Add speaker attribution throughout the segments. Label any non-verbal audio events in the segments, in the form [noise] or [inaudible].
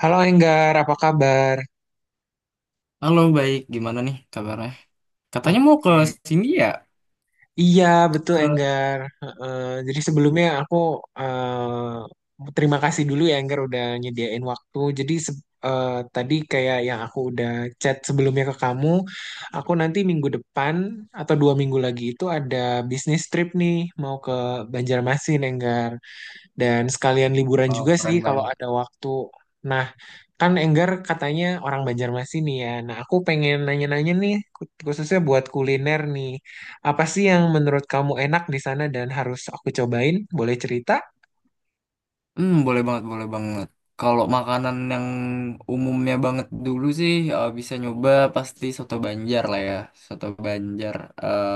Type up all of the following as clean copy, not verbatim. Speaker 1: Halo Enggar, apa kabar?
Speaker 2: Halo, baik. Gimana nih kabarnya? Katanya mau ke
Speaker 1: Oke.
Speaker 2: sini ya?
Speaker 1: Iya, betul
Speaker 2: Ke
Speaker 1: Enggar. Heeh, jadi sebelumnya aku terima kasih dulu ya Enggar udah nyediain waktu. Jadi tadi kayak yang aku udah chat sebelumnya ke kamu, aku nanti minggu depan atau 2 minggu lagi itu ada bisnis trip nih mau ke Banjarmasin Enggar. Dan sekalian liburan
Speaker 2: Oh,
Speaker 1: juga sih
Speaker 2: keren
Speaker 1: kalau
Speaker 2: banget.
Speaker 1: ada waktu. Nah, kan Enggar katanya orang Banjarmasin nih ya. Nah, aku pengen nanya-nanya nih, khususnya buat kuliner nih. Apa sih yang menurut kamu enak di sana dan harus aku cobain? Boleh cerita?
Speaker 2: Boleh banget, boleh banget. Kalau makanan yang umumnya banget dulu sih bisa nyoba pasti soto Banjar lah ya. Soto Banjar eh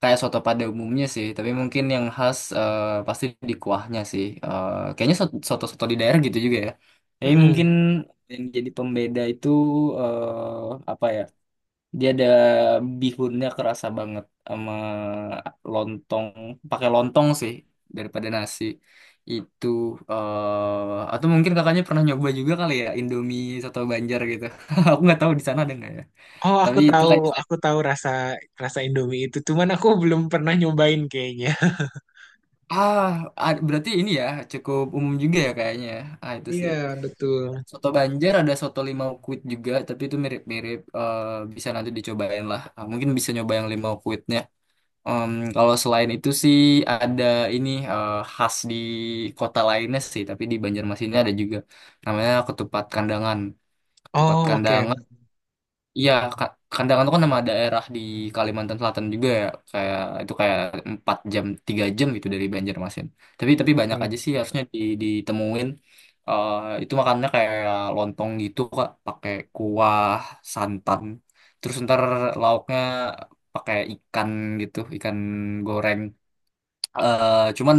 Speaker 2: kayak soto pada umumnya sih, tapi mungkin yang khas pasti di kuahnya sih. Kayaknya soto-soto di daerah gitu juga ya. Jadi mungkin
Speaker 1: Mm-mm.
Speaker 2: yang jadi pembeda itu eh apa ya? Dia ada bihunnya kerasa banget sama lontong, pakai lontong sih daripada nasi. Itu atau mungkin kakaknya pernah nyoba juga kali ya Indomie soto Banjar gitu. [laughs] Aku nggak tahu di sana ada nggak ya.
Speaker 1: Oh,
Speaker 2: Tapi itu kayak
Speaker 1: aku tahu rasa rasa Indomie itu. Cuman aku belum pernah nyobain kayaknya. [laughs]
Speaker 2: ah berarti ini ya cukup umum juga ya kayaknya. Ya. Ah itu
Speaker 1: Iya,
Speaker 2: sih.
Speaker 1: betul.
Speaker 2: Soto Banjar ada soto limau kuit juga, tapi itu mirip-mirip bisa nanti dicobain lah. Ah, mungkin bisa nyoba yang limau kuitnya. Em, kalau selain itu sih ada ini khas di kota lainnya sih, tapi di Banjarmasinnya ada juga namanya ketupat kandangan. Ketupat
Speaker 1: Oh, oke.
Speaker 2: kandangan. Iya, Kandangan itu kan nama daerah di Kalimantan Selatan juga ya, kayak itu kayak 4 jam, 3 jam gitu dari Banjarmasin. Tapi banyak
Speaker 1: Oke.
Speaker 2: aja sih harusnya di, ditemuin. Eh, itu makannya kayak lontong gitu Kak, pakai kuah, santan. Terus ntar lauknya pakai ikan gitu, ikan goreng cuman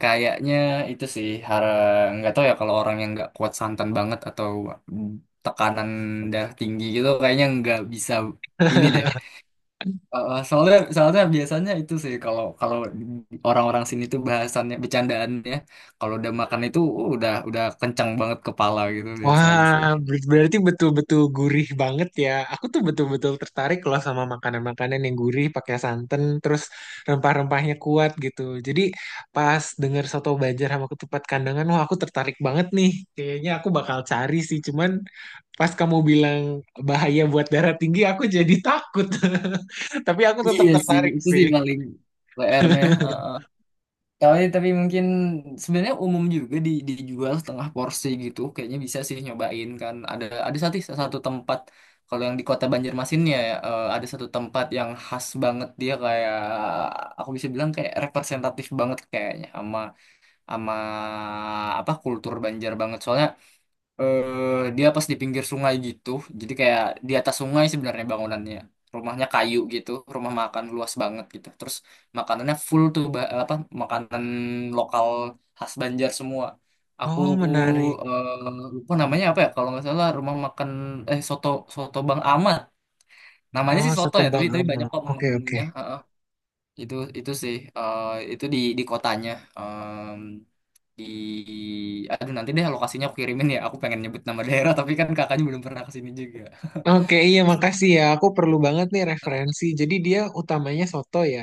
Speaker 2: kayaknya itu sih nggak tahu ya kalau orang yang nggak kuat santan banget atau tekanan darah tinggi gitu kayaknya nggak bisa ini deh.
Speaker 1: [laughs]
Speaker 2: Eh, soalnya soalnya biasanya itu sih kalau kalau orang-orang sini tuh bahasannya bercandaannya kalau udah makan itu udah kencang banget kepala gitu biasanya
Speaker 1: Wah,
Speaker 2: sih. [laughs]
Speaker 1: berarti betul-betul gurih banget ya. Aku tuh betul-betul tertarik loh sama makanan-makanan yang gurih, pakai santan, terus rempah-rempahnya kuat gitu. Jadi pas denger soto Banjar sama ketupat kandangan, wah aku tertarik banget nih. Kayaknya aku bakal cari sih, cuman pas kamu bilang bahaya buat darah tinggi, aku jadi takut. [laughs] Tapi aku tetap
Speaker 2: Iya sih,
Speaker 1: tertarik
Speaker 2: itu
Speaker 1: sih.
Speaker 2: sih paling PR-nya. Tapi, mungkin sebenarnya umum juga di, dijual setengah porsi gitu. Kayaknya bisa sih nyobain kan. Ada satu satu tempat kalau yang di Kota Banjarmasin ya, eh, ada satu tempat yang khas banget dia kayak aku bisa bilang kayak representatif banget kayaknya sama sama apa kultur Banjar banget. Soalnya dia pas di pinggir sungai gitu. Jadi kayak di atas sungai sebenarnya bangunannya. Rumahnya kayu gitu, rumah makan luas banget gitu. Terus makanannya full tuh apa makanan lokal khas Banjar semua. Aku
Speaker 1: Oh, menarik.
Speaker 2: lupa namanya apa ya, kalau nggak salah rumah makan soto soto Bang Ahmad. Namanya
Speaker 1: Oh,
Speaker 2: sih soto
Speaker 1: soto
Speaker 2: ya, tapi
Speaker 1: Bang
Speaker 2: tapi banyak
Speaker 1: Amal.
Speaker 2: kok
Speaker 1: Oke, oke.
Speaker 2: menunya. Heeh. Itu sih itu di kotanya. Mmm, di aduh nanti deh lokasinya aku kirimin ya, aku pengen nyebut nama daerah tapi kan kakaknya belum pernah kesini juga.
Speaker 1: Oke, iya makasih ya. Aku perlu banget nih referensi. Jadi dia utamanya soto ya.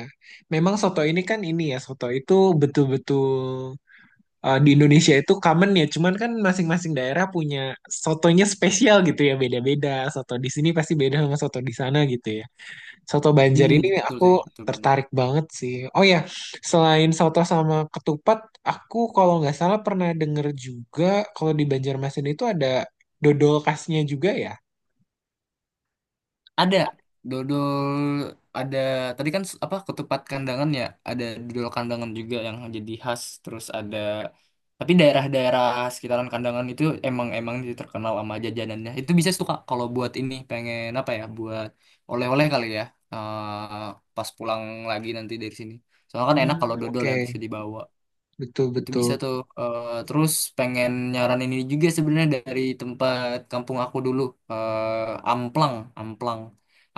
Speaker 1: Memang soto ini kan ini ya, soto itu betul-betul di Indonesia itu common ya. Cuman kan masing-masing daerah punya sotonya spesial gitu ya, beda-beda. Soto di sini pasti beda sama soto di sana gitu ya. Soto Banjar ini
Speaker 2: Betul
Speaker 1: aku
Speaker 2: sih, betul banget.
Speaker 1: tertarik banget sih. Oh ya, selain soto sama ketupat, aku kalau nggak salah pernah denger juga kalau di Banjarmasin itu ada dodol khasnya juga ya.
Speaker 2: Ada dodol, ada tadi kan apa ketupat kandangan ya, ada dodol kandangan juga yang jadi khas. Terus ada tapi daerah-daerah sekitaran kandangan itu emang emang dia terkenal sama jajanannya. Itu bisa suka kalau buat ini, pengen apa ya, buat oleh-oleh kali ya, pas pulang lagi nanti dari sini, soalnya kan enak kalau
Speaker 1: Hmm,
Speaker 2: dodol ya
Speaker 1: oke.
Speaker 2: bisa dibawa.
Speaker 1: Betul,
Speaker 2: Itu bisa
Speaker 1: betul.
Speaker 2: tuh. Eh, terus pengen nyaranin ini juga sebenarnya dari tempat kampung aku dulu. Eh, amplang, amplang.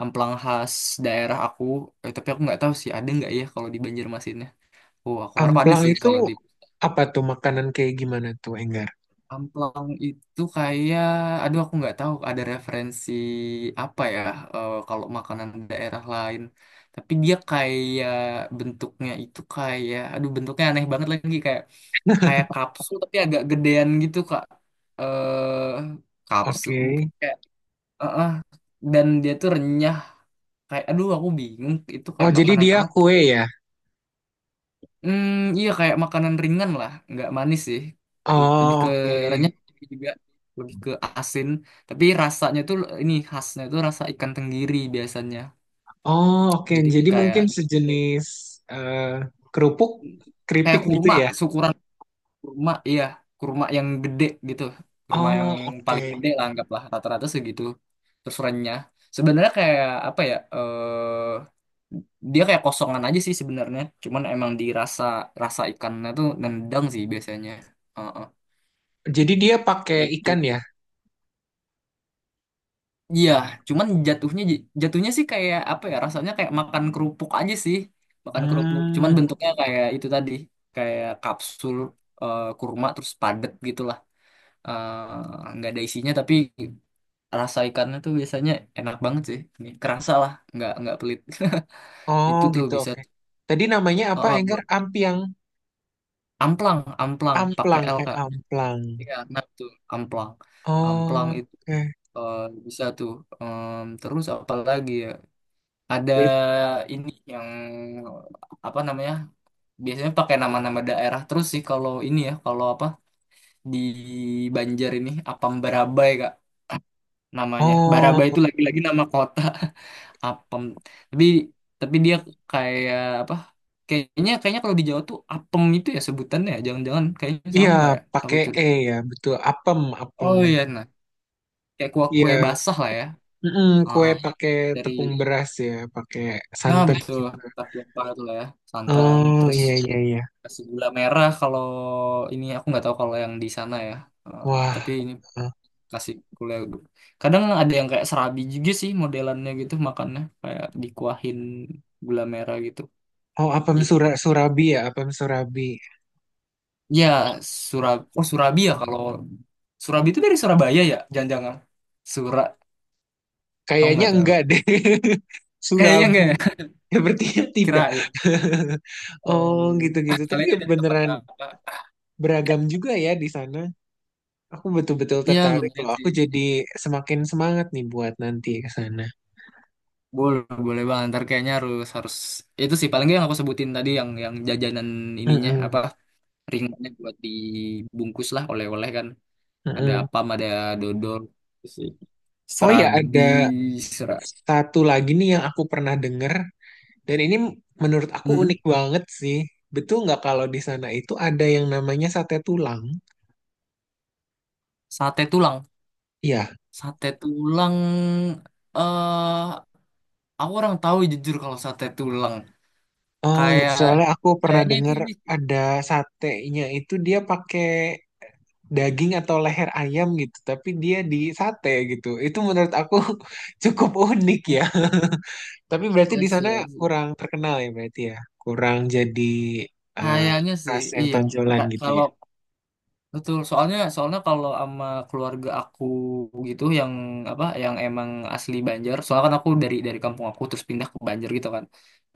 Speaker 2: Amplang khas daerah aku. Eh, tapi aku nggak tahu sih ada nggak ya kalau di Banjarmasinnya. Oh, aku harap ada
Speaker 1: Amplang
Speaker 2: sih
Speaker 1: itu
Speaker 2: kalau di.
Speaker 1: apa tuh makanan kayak gimana tuh, Enggar?
Speaker 2: Amplang itu kayak, aduh aku nggak tahu ada referensi apa ya, kalau makanan daerah lain. Tapi dia kayak bentuknya itu kayak, aduh bentuknya aneh banget lagi kayak kayak kapsul tapi agak gedean gitu Kak. Eh kapsul
Speaker 1: Oke.
Speaker 2: kayak eh, eh. dan dia tuh renyah kayak aduh aku bingung itu
Speaker 1: Oh,
Speaker 2: kayak
Speaker 1: jadi
Speaker 2: makanan
Speaker 1: dia
Speaker 2: apa.
Speaker 1: kue ya?
Speaker 2: Hmm, iya kayak makanan ringan lah, nggak manis sih. Lebih
Speaker 1: Oh,
Speaker 2: ke
Speaker 1: oke.
Speaker 2: renyah juga, lebih ke asin. Tapi rasanya tuh ini khasnya tuh rasa ikan tenggiri biasanya.
Speaker 1: Oh, oke.
Speaker 2: Jadi
Speaker 1: Jadi
Speaker 2: kayak
Speaker 1: mungkin
Speaker 2: gede.
Speaker 1: sejenis eh, kerupuk,
Speaker 2: Kayak
Speaker 1: keripik gitu
Speaker 2: kurma,
Speaker 1: ya?
Speaker 2: syukuran kurma, iya kurma yang gede gitu. Kurma yang
Speaker 1: Oh, oke.
Speaker 2: paling gede lah, anggaplah rata-rata segitu. Terus renyah. Sebenarnya kayak apa ya? Dia kayak kosongan aja sih sebenarnya. Cuman emang dirasa rasa ikannya tuh nendang sih biasanya. Heeh.
Speaker 1: Jadi dia pakai ikan
Speaker 2: Itu.
Speaker 1: ya?
Speaker 2: Iya, cuman jatuhnya jatuhnya sih kayak apa ya? Rasanya kayak makan kerupuk aja sih. Makan kerupuk. Cuman
Speaker 1: Hmm.
Speaker 2: bentuknya kayak itu tadi, kayak kapsul kurma terus padet gitulah. Eh, nggak ada isinya tapi rasa ikannya tuh biasanya enak banget sih. Ini kerasa lah, nggak pelit. [laughs]
Speaker 1: Oh,
Speaker 2: Itu tuh
Speaker 1: gitu,
Speaker 2: bisa
Speaker 1: oke.
Speaker 2: tuh
Speaker 1: Tadi namanya
Speaker 2: oh,
Speaker 1: apa,
Speaker 2: oh,
Speaker 1: Enggar?
Speaker 2: buat amplang, amplang pakai L Kak.
Speaker 1: Amplang.
Speaker 2: Iya, nah tuh amplang. Amplang
Speaker 1: Oh,
Speaker 2: itu
Speaker 1: oke.
Speaker 2: eh, bisa tuh. Terus apa lagi ya? Ada
Speaker 1: Bet-
Speaker 2: ini yang apa namanya biasanya pakai nama-nama daerah terus sih kalau ini ya, kalau apa di Banjar ini Apam Barabai kak namanya. Barabai itu
Speaker 1: Oh,
Speaker 2: lagi-lagi nama kota. [laughs] Apem tapi dia kayak apa, kayaknya kayaknya kalau di Jawa tuh Apem itu ya sebutannya ya. Jangan-jangan kayaknya
Speaker 1: iya,
Speaker 2: sama ya, aku
Speaker 1: pakai E
Speaker 2: curiga.
Speaker 1: ya, betul. Apem, apem.
Speaker 2: Oh iya nah, kayak kue-kue
Speaker 1: Iya,
Speaker 2: basah lah ya.
Speaker 1: mm kue
Speaker 2: Heeh.
Speaker 1: pakai
Speaker 2: Dari
Speaker 1: tepung beras ya, pakai
Speaker 2: nah
Speaker 1: santan
Speaker 2: betul,
Speaker 1: juga.
Speaker 2: tapi apa itu lah ya, santan
Speaker 1: Oh
Speaker 2: terus.
Speaker 1: iya iya iya.
Speaker 2: Nasi gula merah, kalau ini aku nggak tahu kalau yang di sana ya. Eh,
Speaker 1: Wah,
Speaker 2: tapi ini nasi gula. Kadang ada yang kayak serabi juga sih modelannya gitu, makannya kayak dikuahin gula merah gitu.
Speaker 1: oh apem
Speaker 2: I-
Speaker 1: surabi ya, apem surabi.
Speaker 2: Ya. Surab oh Surabi ya, kalau Surabi itu dari Surabaya ya jangan-jangan. Sura aku
Speaker 1: Kayaknya
Speaker 2: nggak tahu.
Speaker 1: enggak deh. [laughs]
Speaker 2: Kayaknya
Speaker 1: Surabi,
Speaker 2: nggak ya?
Speaker 1: ya berarti
Speaker 2: [laughs]
Speaker 1: tidak.
Speaker 2: Kirain.
Speaker 1: [laughs]
Speaker 2: Em,
Speaker 1: Oh gitu-gitu.
Speaker 2: [laughs]
Speaker 1: Tapi
Speaker 2: Kalian dari tempat
Speaker 1: beneran
Speaker 2: kakak.
Speaker 1: beragam juga ya di sana. Aku betul-betul
Speaker 2: Iya
Speaker 1: tertarik
Speaker 2: lumayan
Speaker 1: loh. Aku
Speaker 2: sih.
Speaker 1: jadi semakin semangat nih buat nanti ke sana.
Speaker 2: Boleh, boleh bang. Ntar kayaknya harus harus itu sih paling nggak yang aku sebutin tadi, yang jajanan ininya,
Speaker 1: Mm-mm,
Speaker 2: apa ringnya, buat dibungkus lah oleh-oleh kan. Ada
Speaker 1: mm-mm.
Speaker 2: apam, ada dodol, sih.
Speaker 1: Oh ya,
Speaker 2: Serabi,
Speaker 1: ada
Speaker 2: sera,
Speaker 1: satu lagi nih yang aku pernah denger. Dan ini menurut aku
Speaker 2: Hmm.
Speaker 1: unik banget sih. Betul nggak kalau di sana itu ada yang namanya sate tulang?
Speaker 2: sate tulang,
Speaker 1: Iya.
Speaker 2: sate tulang. Eh, aku orang tahu jujur kalau sate tulang.
Speaker 1: Oh, gitu.
Speaker 2: Kayak
Speaker 1: Soalnya aku pernah
Speaker 2: kayaknya itu
Speaker 1: dengar
Speaker 2: ini sih.
Speaker 1: ada satenya itu dia pakai daging atau leher ayam gitu, tapi dia di sate gitu. Itu menurut aku [laughs] cukup unik ya. [laughs] Tapi berarti di sana
Speaker 2: Asia sih.
Speaker 1: kurang terkenal ya berarti ya. Kurang jadi eh,
Speaker 2: Kayaknya sih,
Speaker 1: khas yang
Speaker 2: iya.
Speaker 1: tonjolan gitu ya.
Speaker 2: Kalau betul, soalnya soalnya kalau sama keluarga aku gitu, yang apa yang emang asli Banjar, soalnya kan aku dari kampung aku terus pindah ke Banjar gitu kan.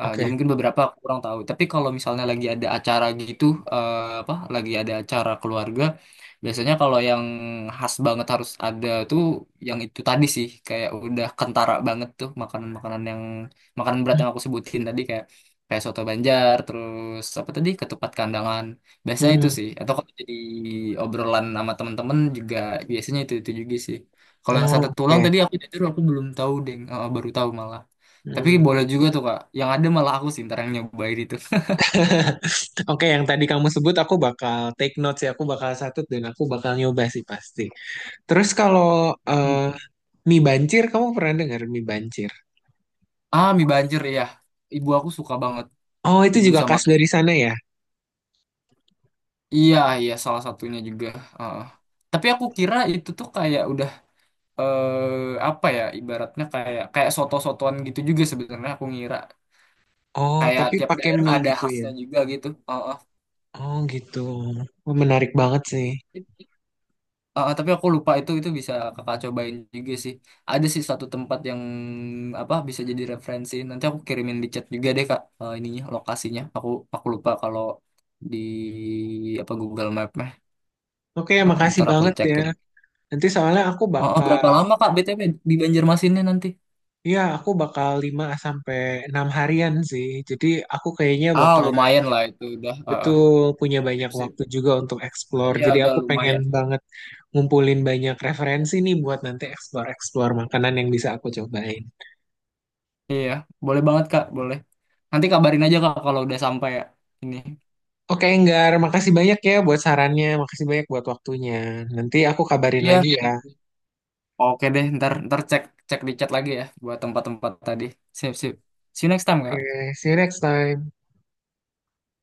Speaker 2: Eh, jadi
Speaker 1: Oke.
Speaker 2: mungkin beberapa aku kurang tahu. Tapi kalau misalnya lagi ada acara gitu, eh, apa lagi ada acara keluarga, biasanya kalau yang khas banget harus ada tuh yang itu tadi sih, kayak udah kentara banget tuh makanan-makanan yang makanan berat yang aku sebutin tadi kayak kayak soto Banjar, terus apa tadi ketupat kandangan. Biasanya itu
Speaker 1: Hmm.
Speaker 2: sih. Atau kalau jadi obrolan sama temen-temen juga biasanya itu juga sih. Kalau yang
Speaker 1: Oh,
Speaker 2: satu tulang
Speaker 1: oke.
Speaker 2: tadi aku jujur aku belum tahu deh. Eh, baru tahu malah. Tapi
Speaker 1: Hmm.
Speaker 2: boleh juga tuh Kak. Yang ada malah aku sih ntar yang nyobain itu. [laughs]
Speaker 1: [laughs] Oke, yang tadi kamu sebut aku bakal take notes ya, aku bakal satut dan aku bakal nyoba sih pasti. Terus kalau eh,
Speaker 2: Hmm.
Speaker 1: mie bancir, kamu pernah dengar mie bancir?
Speaker 2: Ah, mie banjir ya. Ibu aku suka banget.
Speaker 1: Oh, itu
Speaker 2: Ibu
Speaker 1: juga
Speaker 2: sama
Speaker 1: khas dari sana ya?
Speaker 2: iya iya salah satunya juga. Heeh. Tapi aku kira itu tuh kayak udah, apa ya, ibaratnya kayak kayak soto-sotoan gitu juga sebenarnya aku ngira
Speaker 1: Oh,
Speaker 2: kayak
Speaker 1: tapi
Speaker 2: tiap
Speaker 1: pakai
Speaker 2: daerah
Speaker 1: mie
Speaker 2: ada
Speaker 1: gitu ya?
Speaker 2: khasnya juga gitu. Heeh.
Speaker 1: Oh, gitu. Oh, menarik banget sih.
Speaker 2: Ah, tapi aku lupa itu bisa kakak cobain juga sih. Ada sih satu tempat yang apa bisa jadi referensi. Nanti aku kirimin di chat juga deh Kak, ininya lokasinya. Aku lupa kalau di apa Google Map mah.
Speaker 1: Oke,
Speaker 2: Eh,
Speaker 1: makasih
Speaker 2: ntar aku
Speaker 1: banget ya.
Speaker 2: cekin.
Speaker 1: Nanti soalnya
Speaker 2: Oh, oh, berapa lama Kak BTW di Banjarmasinnya nanti?
Speaker 1: aku bakal 5 sampai 6 harian sih. Jadi aku kayaknya
Speaker 2: Ah
Speaker 1: bakal
Speaker 2: lumayan lah itu udah. Ah, ah.
Speaker 1: betul punya
Speaker 2: Sip,
Speaker 1: banyak
Speaker 2: sip.
Speaker 1: waktu juga untuk explore.
Speaker 2: Iya
Speaker 1: Jadi
Speaker 2: udah
Speaker 1: aku pengen
Speaker 2: lumayan.
Speaker 1: banget ngumpulin banyak referensi nih buat nanti explore-explore makanan yang bisa aku cobain.
Speaker 2: Iya boleh banget Kak boleh. Nanti kabarin aja Kak kalau udah sampai ya ini.
Speaker 1: Oke, Enggar, makasih banyak ya buat sarannya, makasih banyak buat waktunya. Nanti aku kabarin
Speaker 2: Iya.
Speaker 1: lagi ya.
Speaker 2: Oke deh, ntar ntar cek cek di chat lagi ya buat tempat-tempat tadi. Sip sip. See you next time, Kak.
Speaker 1: Oke, see you next time.